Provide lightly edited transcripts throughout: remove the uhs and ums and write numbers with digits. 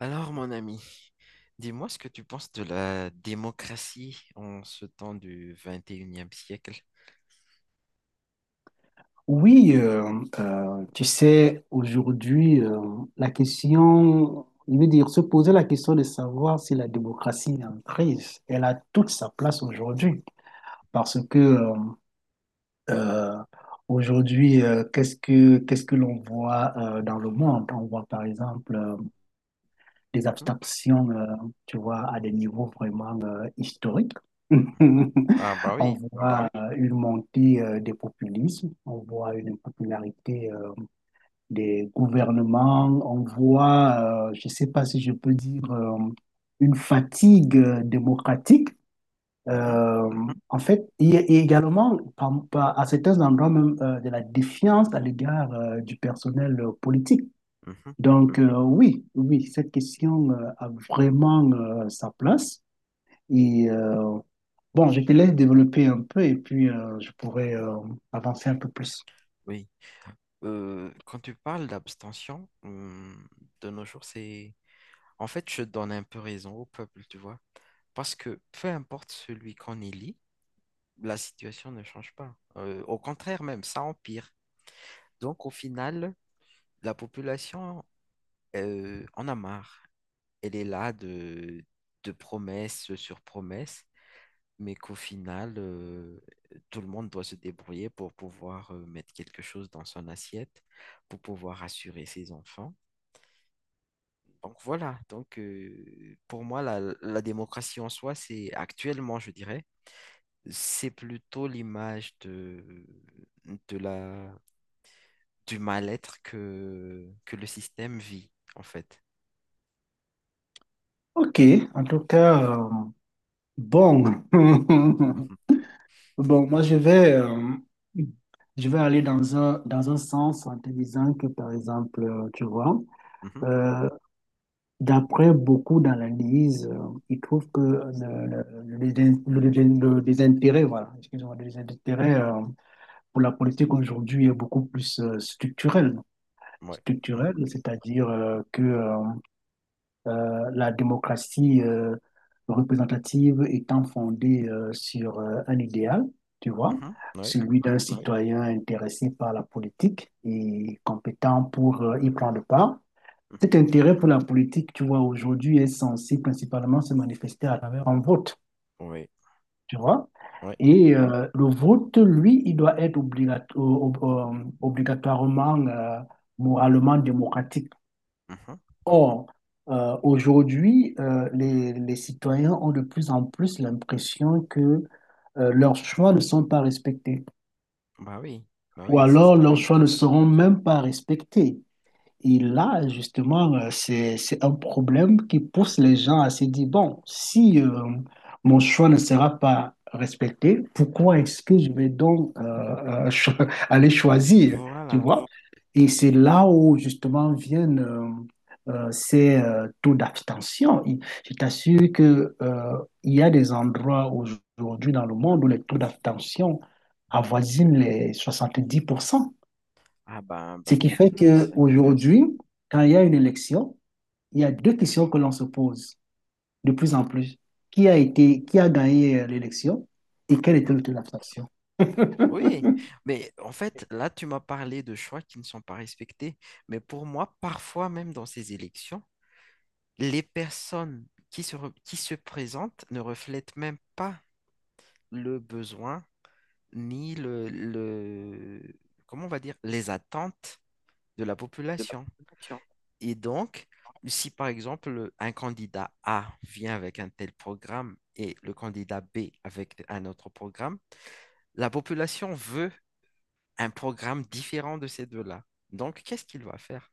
Alors, mon ami, dis-moi ce que tu penses de la démocratie en ce temps du 21e siècle. Oui, tu sais, aujourd'hui, la question, je veux dire, se poser la question de savoir si la démocratie est en crise, elle a toute sa place aujourd'hui. Parce que euh, aujourd'hui, qu'est-ce que l'on voit dans le monde? On voit par exemple des Mhm. abstractions, tu vois, à des niveaux vraiment historiques. Ah bah On oui. voit une montée des populismes, on voit une popularité des gouvernements, on voit, je ne sais pas si je peux dire, une fatigue démocratique. Mhm, Euh, En fait, il y a également à certains endroits même de la défiance à l'égard du personnel politique. mhm. Donc oui, oui, cette question a vraiment sa place. Et euh, bon, je te laisse développer un peu et puis je pourrais avancer un peu plus. Oui. Quand tu parles d'abstention, de nos jours, c'est. En fait, je donne un peu raison au peuple, tu vois. Parce que peu importe celui qu'on élit, la situation ne change pas. Au contraire même, ça empire. Donc, au final, la population, en a marre. Elle est là de, promesse sur promesse, mais qu'au final, tout le monde doit se débrouiller pour pouvoir mettre quelque chose dans son assiette, pour pouvoir assurer ses enfants. Donc voilà, pour moi, la démocratie en soi, c'est actuellement, je dirais, c'est plutôt l'image de la, du mal-être que le système vit, en fait. Ok, en tout cas, bon. Mhm, Bon, moi, je vais aller dans dans un sens en te disant que, par exemple, tu vois, mhm, euh, d'après beaucoup d'analyses, ils trouvent que le désintérêt, voilà, excusez-moi, le désintérêt pour la politique aujourd'hui est beaucoup plus structurel. ouais, Structurel, c'est-à-dire que la démocratie représentative étant fondée sur un idéal, tu vois, mhm, mhm, ouais, celui d'un citoyen intéressé par la politique et compétent pour y prendre part. mhm, Cet intérêt pour la politique, tu vois, aujourd'hui est censé principalement se manifester à travers un vote, ouais, tu vois. ouais. Le vote, lui, il doit être obligatoirement, moralement démocratique. Mhm. Or, aujourd'hui, les citoyens ont de plus en plus l'impression que leurs choix ne sont pas respectés, Bah oui, bah ou oui, c'est alors ça. leurs choix ne seront même pas respectés. Et là, justement, c'est un problème qui pousse les gens à se dire, bon, si mon choix ne sera pas respecté, pourquoi est-ce que je vais donc euh, cho- aller choisir, tu Voilà. vois? Et c'est là où, justement, viennent ces taux d'abstention. Je t'assure que, il y a des endroits aujourd'hui dans le monde où les taux d'abstention avoisinent les 70%, Ah bah, ce bah qui même fait plus. qu'aujourd'hui, quand il y a une élection, il y a deux questions que l'on se pose de plus en plus. Qui a gagné l'élection et quelle était Mhm. l'autre faction? Oui, mais en fait, là, tu m'as parlé de choix qui ne sont pas respectés, mais pour moi, parfois même dans ces élections, les personnes qui se présentent ne reflètent même pas le besoin ni le, comment on va dire, les attentes de la population. Et donc, si par exemple un candidat A vient avec un tel programme et le candidat B avec un autre programme, la population veut un programme différent de ces deux-là. Donc, qu'est-ce qu'il va faire?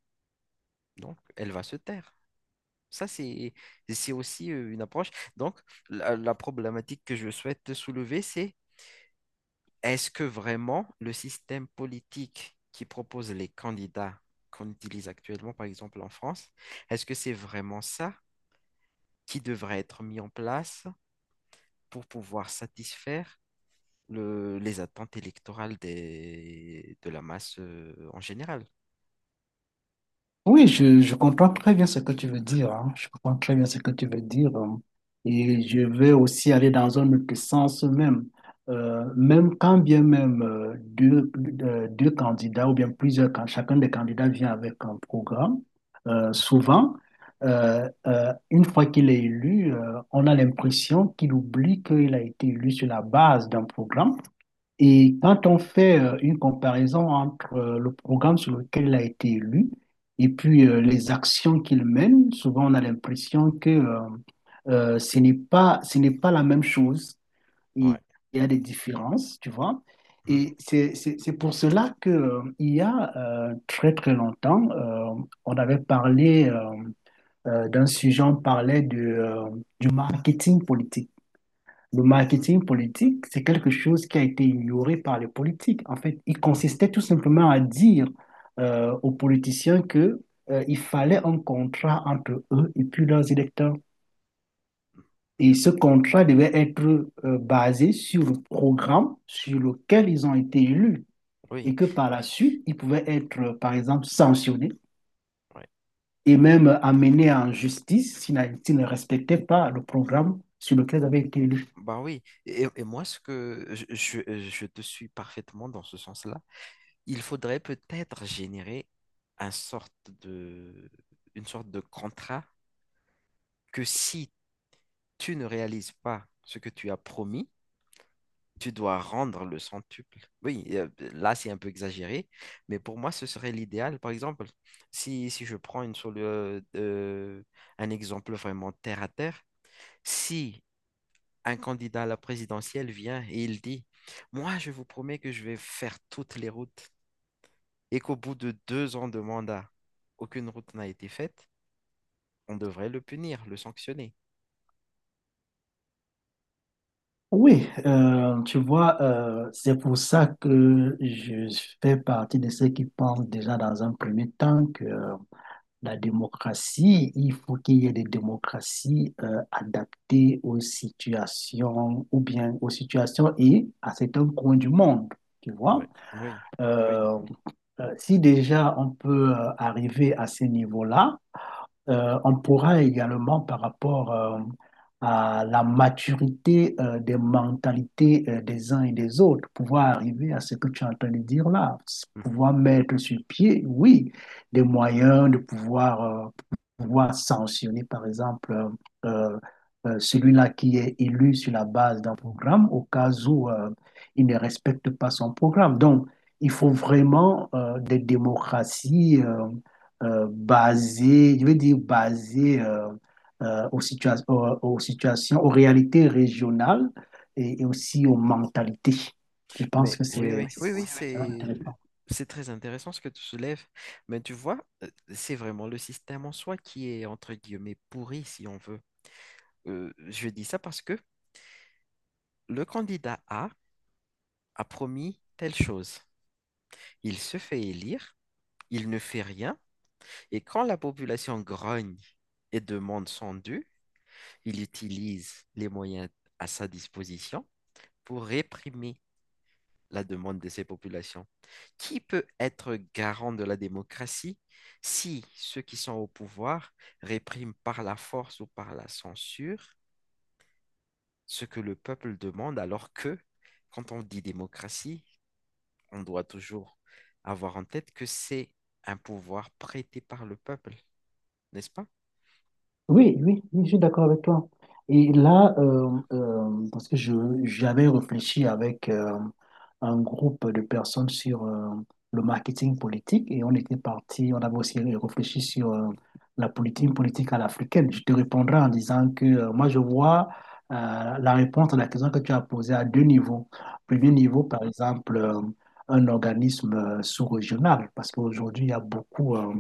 Donc, elle va se taire. Ça, c'est aussi une approche. Donc, la problématique que je souhaite soulever, c'est est-ce que vraiment le système politique qui propose les candidats qu'on utilise actuellement, par exemple en France, est-ce que c'est vraiment ça qui devrait être mis en place pour pouvoir satisfaire les attentes électorales de la masse en général. Oui, je comprends très bien ce que tu veux dire, hein. Je comprends très bien ce que tu veux dire, hein. Et je vais aussi aller dans un autre sens même. Même quand bien même deux candidats ou bien plusieurs, quand chacun des candidats vient avec un programme, souvent, une fois qu'il est élu, on a l'impression qu'il oublie qu'il a été élu sur la base d'un programme et quand on fait une comparaison entre le programme sur lequel il a été élu et puis les actions qu'il mène, souvent on a l'impression que ce n'est pas la même chose. Ouais. Il y a des différences, tu vois. Mhm, C'est pour cela que, il y a très très longtemps, on avait parlé d'un sujet, on parlait du marketing politique. Le mhm, marketing politique, c'est quelque chose qui a été ignoré par les politiques. En fait, il mhm. consistait tout simplement à dire aux politiciens que il fallait un contrat entre eux et puis leurs électeurs. Et ce contrat devait être basé sur le programme sur lequel ils ont été élus et Oui. que par la suite, ils pouvaient être, par exemple, sanctionnés Ouais. et même amenés en justice s'ils ne respectaient pas le programme sur lequel ils avaient été élus. Bah oui. Et moi, ce que je te suis parfaitement dans ce sens-là, il faudrait peut-être générer un sorte de, une sorte de contrat que si tu ne réalises pas ce que tu as promis, tu dois rendre le centuple. Oui, là, c'est un peu exagéré, mais pour moi, ce serait l'idéal. Par exemple, si je prends un exemple vraiment terre à terre, si un candidat à la présidentielle vient et il dit, moi, je vous promets que je vais faire toutes les routes, et qu'au bout de deux ans de mandat, aucune route n'a été faite, on devrait le punir, le sanctionner. Oui, tu vois, c'est pour ça que je fais partie de ceux qui pensent déjà dans un premier temps que la démocratie, il faut qu'il y ait des démocraties adaptées aux situations ou bien aux situations et à certains coins du monde, tu Ouais, vois. oui. Oui. Mhm, Si déjà on peut arriver à ce niveau-là, on pourra également, par rapport à la maturité des mentalités des uns et des autres, pouvoir arriver à ce que tu es en train de dire là, mhm. pouvoir mettre sur pied, oui, des moyens de pouvoir, pouvoir sanctionner, par exemple, euh, celui-là qui est élu sur la base d'un programme au cas où il ne respecte pas son programme. Donc, il faut vraiment des démocraties, basé, je veux dire basé aux situations, aux réalités régionales et aussi aux mentalités. Je pense Mais que oui, c'est oui, oui, oui, oui, c'est intéressant. c'est très intéressant ce que tu soulèves. Mais tu vois, c'est vraiment le système en soi qui est entre guillemets pourri, si on veut. Je dis ça parce que le candidat A a promis telle chose. Il se fait élire, il ne fait rien, et quand la population grogne et demande son dû, il utilise les moyens à sa disposition pour réprimer la demande de ces populations. Qui peut être garant de la démocratie si ceux qui sont au pouvoir répriment par la force ou par la censure ce que le peuple demande alors que quand on dit démocratie, on doit toujours avoir en tête que c'est un pouvoir prêté par le peuple, n'est-ce pas? Oui, oui, oui, je suis d'accord avec toi. Et là, parce que je j'avais réfléchi avec un groupe de personnes sur le marketing politique et on était parti, on avait aussi réfléchi sur la politique politique à l'africaine. Je te répondrai en disant que moi, je vois euh, la réponse à la question que tu as posée à deux niveaux. Premier Mhm, niveau, par exemple, un organisme sous-régional, parce qu'aujourd'hui, il y a beaucoup euh,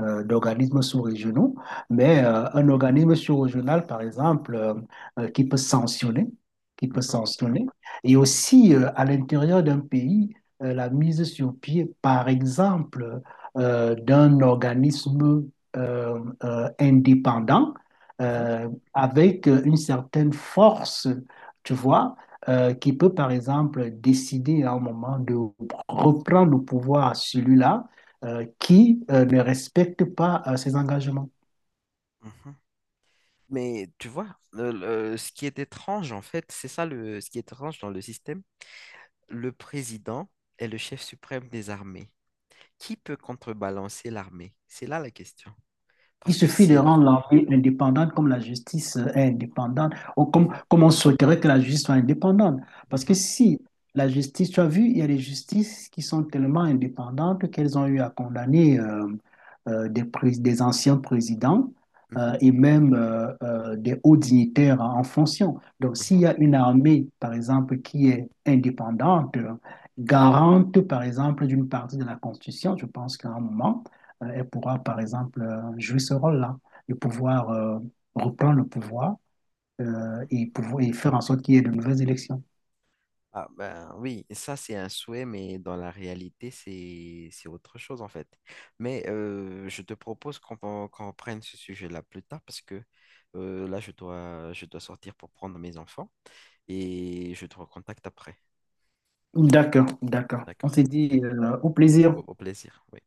euh, d'organismes sous-régionaux, mais mhm, un organisme sous-régional, par exemple, euh, qui peut sanctionner, qui peut mhm, sanctionner, et aussi à l'intérieur d'un pays, la mise sur pied, par exemple, d'un organisme indépendant mhm, euh, avec une certaine force, tu vois, qui peut, par exemple, décider à un moment de reprendre le pouvoir à celui-là qui ne respectent pas ces engagements. mhm. Mais tu vois, ce qui est étrange en fait, c'est ça ce qui est étrange dans le système. Le président est le chef suprême des armées. Qui peut contrebalancer l'armée? C'est là la question. Il Parce que suffit de si, là-. rendre l'armée indépendante comme la justice est indépendante, ou comme, Mhm, comme on souhaiterait que la justice soit indépendante. Parce que mhm, si la justice, tu as vu, il y a des justices qui sont tellement indépendantes qu'elles ont eu à condamner des anciens présidents mhm, et même des hauts dignitaires en en fonction. Donc, s'il mhm, y a une armée, par exemple, qui est indépendante, garante, par exemple, d'une partie de la Constitution, je pense qu'à un moment, elle pourra, par exemple, jouer ce rôle-là et pouvoir reprendre le pouvoir mhm. Pouvoir et faire en sorte qu'il y ait de nouvelles élections. Ah ben oui, ça c'est un souhait, mais dans la réalité c'est autre chose en fait. Mais je te propose qu'on reprenne ce sujet-là plus tard parce que là je dois sortir pour prendre mes enfants et je te recontacte après. D'accord, d'accord. On D'accord? s'est dit Oui, au oui, plaisir. Au plaisir. Oui.